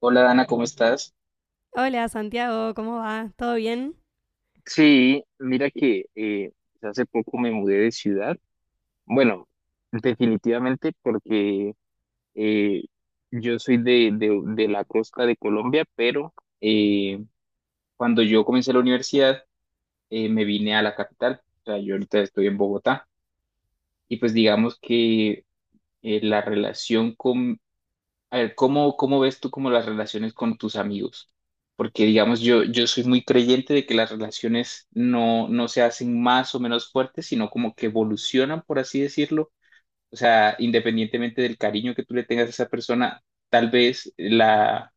Hola Dana, ¿cómo estás? Hola Santiago, ¿cómo va? ¿Todo bien? Sí, mira que hace poco me mudé de ciudad. Bueno, definitivamente porque eh, yo soy de la costa de Colombia, pero eh, cuando yo comencé la universidad, me vine a la capital. O sea, yo ahorita estoy en Bogotá y pues digamos que la relación con. A ver, ¿cómo, cómo ves tú como las relaciones con tus amigos? Porque, digamos, yo soy muy creyente de que las relaciones no, no se hacen más o menos fuertes, sino como que evolucionan, por así decirlo. O sea, independientemente del cariño que tú le tengas a esa persona, tal vez la,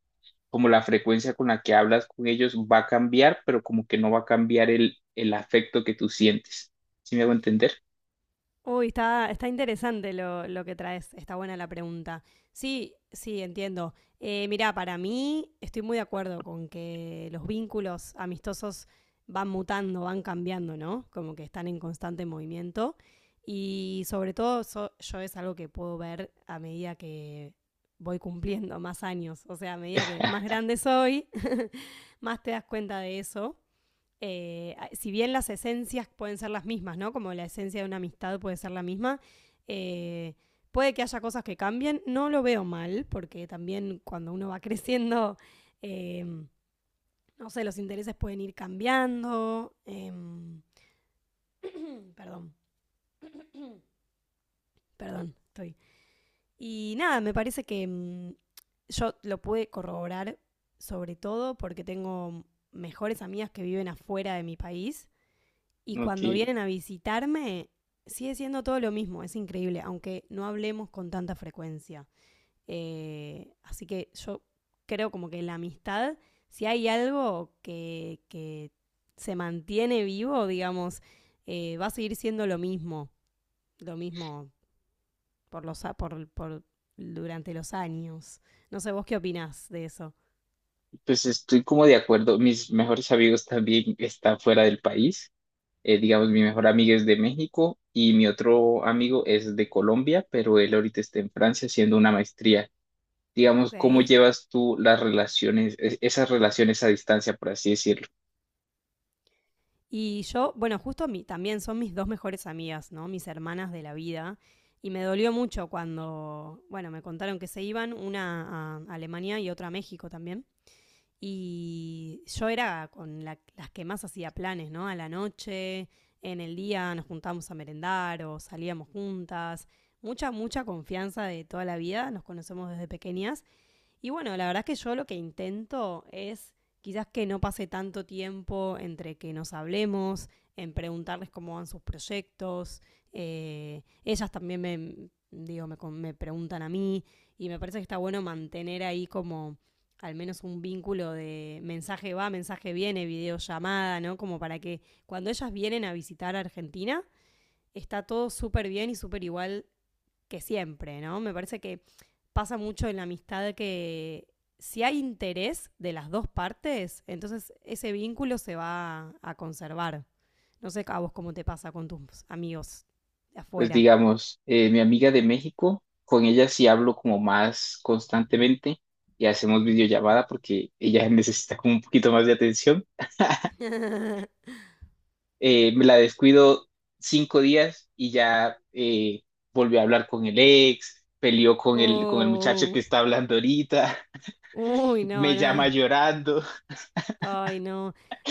como la frecuencia con la que hablas con ellos va a cambiar, pero como que no va a cambiar el afecto que tú sientes. ¿Sí me hago entender? Uy, está interesante lo que traes, está buena la pregunta. Sí, sí, entiendo. Mirá, para mí estoy muy de acuerdo con que los vínculos amistosos van mutando, van cambiando, ¿no? Como que están en constante movimiento. Y sobre todo yo es algo que puedo ver a medida que voy cumpliendo más años, o sea, a medida que más grande soy, más te das cuenta de eso. Si bien las esencias pueden ser las mismas, ¿no? Como la esencia de una amistad puede ser la misma, eh, puede que haya cosas que cambien, no lo veo mal, porque también cuando uno va creciendo, eh, no sé, los intereses pueden ir cambiando. Perdón, perdón, estoy. Y nada, me parece que yo lo pude corroborar sobre todo porque tengo mejores amigas que viven afuera de mi país. Y Ok, cuando vienen a visitarme, sigue siendo todo lo mismo, es increíble, aunque no hablemos con tanta frecuencia. Así que yo creo como que la amistad, si hay algo que se mantiene vivo, digamos, va a seguir siendo lo mismo por los, por- durante los años. No sé, vos qué opinás de eso. pues estoy como de acuerdo. Mis mejores amigos también están fuera del país. Digamos, mi mejor amiga es de México y mi otro amigo es de Colombia, pero él ahorita está en Francia haciendo una maestría. Digamos, ¿cómo Ok. llevas tú las relaciones, esas relaciones a distancia, por así decirlo? Y yo, bueno, justo mi, también son mis dos mejores amigas, ¿no? Mis hermanas de la vida. Y me dolió mucho cuando, bueno, me contaron que se iban, una a Alemania y otra a México también. Y yo era con las que más hacía planes, ¿no? A la noche, en el día nos juntábamos a merendar o salíamos juntas. Mucha, mucha confianza de toda la vida, nos conocemos desde pequeñas. Y bueno, la verdad es que yo lo que intento es quizás que no pase tanto tiempo entre que nos hablemos, en preguntarles cómo van sus proyectos. Ellas también me, digo, me preguntan a mí y me parece que está bueno mantener ahí como al menos un vínculo de mensaje va, mensaje viene, videollamada, ¿no? Como para que cuando ellas vienen a visitar a Argentina, está todo súper bien y súper igual que siempre, ¿no? Me parece que pasa mucho en la amistad que si hay interés de las dos partes, entonces ese vínculo se va a conservar. No sé a vos cómo te pasa con tus amigos de Pues afuera. digamos, mi amiga de México, con ella sí hablo como más constantemente y hacemos videollamada porque ella necesita como un poquito más de atención. Me la descuido 5 días y ya, volvió a hablar con el ex, peleó con con el muchacho que Oh. está hablando ahorita. Uy, no, Me llama no. llorando. Ay, no.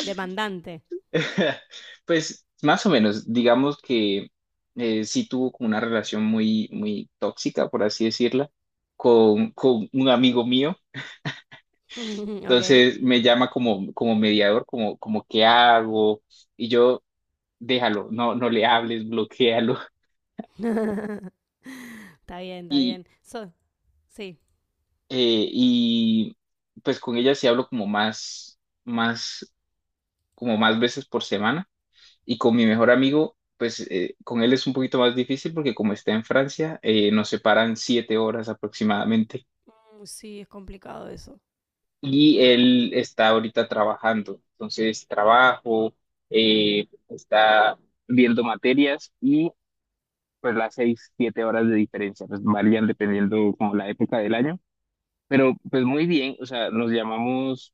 Demandante. Pues más o menos, digamos que sí tuvo como una relación muy, muy tóxica, por así decirla, con un amigo mío. Ok. Entonces me llama como, como mediador, como, como qué hago, y yo, déjalo, no, no le hables, bloquéalo. Está bien, está bien. Sí. Y pues con ella sí hablo como más, más, como más veces por semana. Y con mi mejor amigo, pues con él es un poquito más difícil porque como está en Francia, nos separan 7 horas aproximadamente. Sí, es complicado eso. Y él está ahorita trabajando. Entonces, trabajo, está viendo materias y pues las 6, 7 horas de diferencia, pues varían dependiendo como la época del año. Pero pues muy bien, o sea, nos llamamos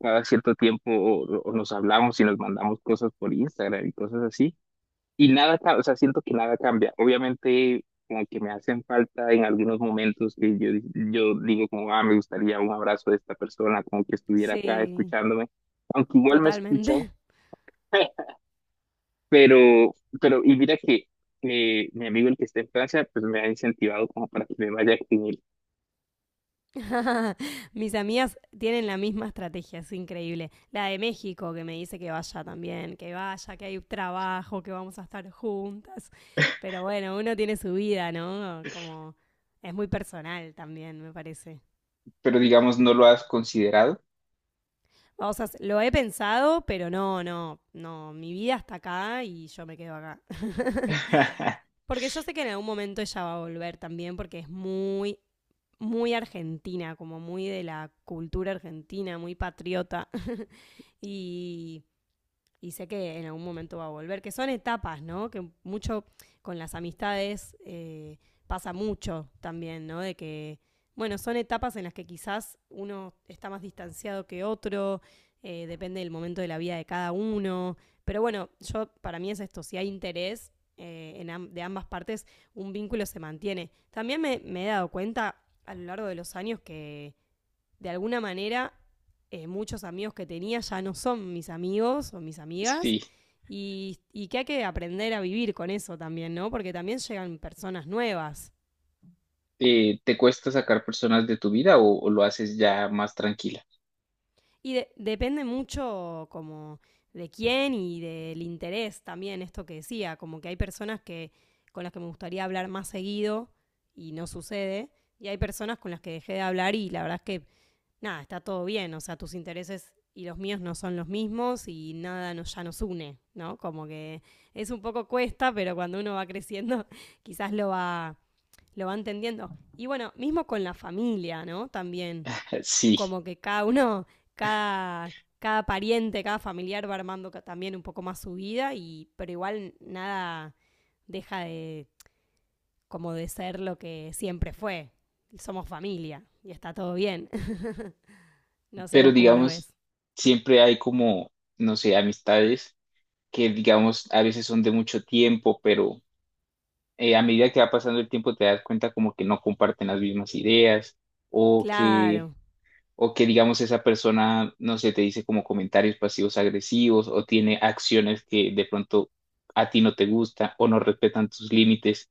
cada cierto tiempo o nos hablamos y nos mandamos cosas por Instagram y cosas así. Y nada, ca- o sea, siento que nada cambia. Obviamente, como que me hacen falta en algunos momentos que yo digo como, ah, me gustaría un abrazo de esta persona, como que estuviera acá Sí, escuchándome, aunque igual me escucha. totalmente. pero, pero, y mira que mi amigo el que está en Francia, pues me ha incentivado como para que me vaya con él. Mis amigas tienen la misma estrategia, es increíble. La de México, que me dice que vaya también, que vaya, que hay trabajo, que vamos a estar juntas. Pero bueno, uno tiene su vida, ¿no? Como es muy personal también, me parece. Pero digamos, no lo has considerado. Lo he pensado, pero no, no, no. Mi vida está acá y yo me quedo acá. Porque yo sé que en algún momento ella va a volver también, porque es muy, muy argentina, como muy de la cultura argentina, muy patriota. Y, y sé que en algún momento va a volver, que son etapas, ¿no? Que mucho con las amistades pasa mucho también, ¿no? De que, bueno, son etapas en las que quizás uno está más distanciado que otro, depende del momento de la vida de cada uno, pero bueno, yo para mí es esto, si hay interés en de ambas partes, un vínculo se mantiene. También me he dado cuenta a lo largo de los años que de alguna manera muchos amigos que tenía ya no son mis amigos o mis amigas. Sí. Y que hay que aprender a vivir con eso también, ¿no? Porque también llegan personas nuevas. ¿Te cuesta sacar personas de tu vida o lo haces ya más tranquila? Y depende mucho como de quién y del interés también, esto que decía, como que hay personas que con las que me gustaría hablar más seguido y no sucede, y hay personas con las que dejé de hablar y la verdad es que nada, está todo bien, o sea, tus intereses y los míos no son los mismos y nada nos, ya nos une, ¿no? Como que es un poco cuesta, pero cuando uno va creciendo quizás lo va entendiendo. Y bueno, mismo con la familia, ¿no? También, Sí, como que cada uno, cada, cada pariente, cada familiar va armando también un poco más su vida, y, pero igual nada deja de como de ser lo que siempre fue. Somos familia y está todo bien. No sé pero vos cómo lo digamos, ves. siempre hay como, no sé, amistades que digamos a veces son de mucho tiempo, pero a medida que va pasando el tiempo te das cuenta como que no comparten las mismas ideas o que, Claro, o que digamos esa persona, no sé, te dice como comentarios pasivos agresivos o tiene acciones que de pronto a ti no te gustan o no respetan tus límites,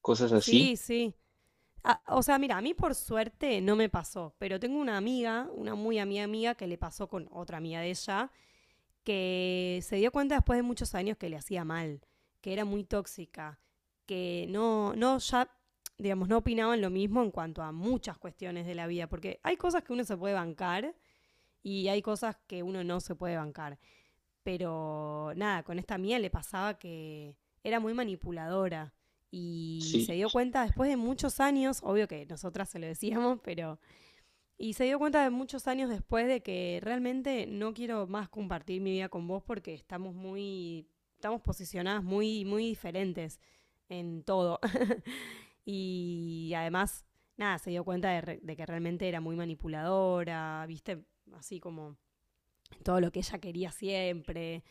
cosas así. sí, sí. Ah, o sea, mira, a mí por suerte no me pasó, pero tengo una amiga, una muy amiga amiga, que le pasó con otra amiga de ella, que se dio cuenta después de muchos años que le hacía mal, que era muy tóxica, que no, no, ya, digamos, no opinaban lo mismo en cuanto a muchas cuestiones de la vida, porque hay cosas que uno se puede bancar y hay cosas que uno no se puede bancar. Pero nada, con esta mía le pasaba que era muy manipuladora y se Sí, dio cuenta después de muchos años, obvio que nosotras se lo decíamos, pero... Y se dio cuenta de muchos años después de que realmente no quiero más compartir mi vida con vos porque estamos muy... estamos posicionadas muy, muy diferentes en todo. Y además, nada, se dio cuenta de, de que realmente era muy manipuladora, viste, así como todo lo que ella quería siempre.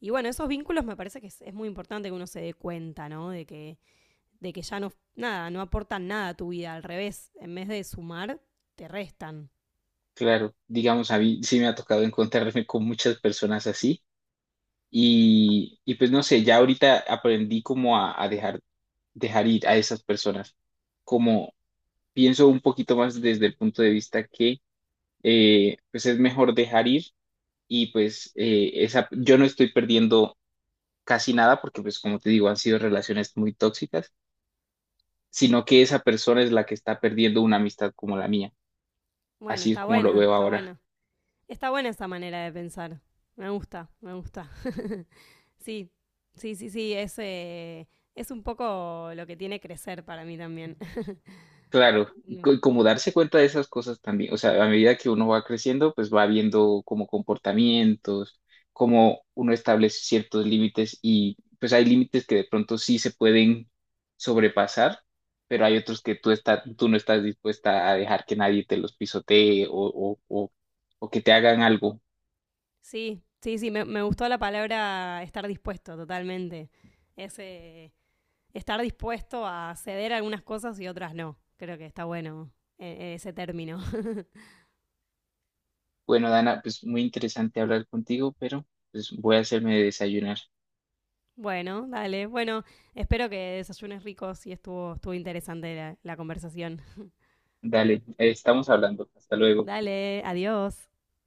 Y bueno, esos vínculos me parece que es muy importante que uno se dé cuenta, ¿no? De que ya no, nada, no aportan nada a tu vida, al revés, en vez de sumar, te restan. claro, digamos, a mí sí me ha tocado encontrarme con muchas personas así y pues no sé, ya ahorita aprendí como a dejar, dejar ir a esas personas, como pienso un poquito más desde el punto de vista que pues es mejor dejar ir y pues esa, yo no estoy perdiendo casi nada porque pues como te digo, han sido relaciones muy tóxicas, sino que esa persona es la que está perdiendo una amistad como la mía, Bueno, así es está como lo buena, veo está ahora. buena. Está buena esa manera de pensar. Me gusta, me gusta. Sí, sí, sí, sí, es un poco lo que tiene crecer para mí también. Claro, No. Como darse cuenta de esas cosas también, o sea, a medida que uno va creciendo, pues va viendo como comportamientos, cómo uno establece ciertos límites y pues hay límites que de pronto sí se pueden sobrepasar, pero hay otros que tú, tú no estás dispuesta a dejar que nadie te los pisotee o que te hagan algo. Sí, sí, sí, me gustó la palabra estar dispuesto totalmente. Es, eh, estar dispuesto a ceder algunas cosas y otras no. Creo que está bueno ese término. Bueno, Dana, pues muy interesante hablar contigo, pero pues voy a hacerme de desayunar. Bueno, dale. Bueno, espero que desayunes ricos y estuvo, estuvo interesante la, la conversación. Dale, estamos hablando. Hasta luego. Dale, adiós.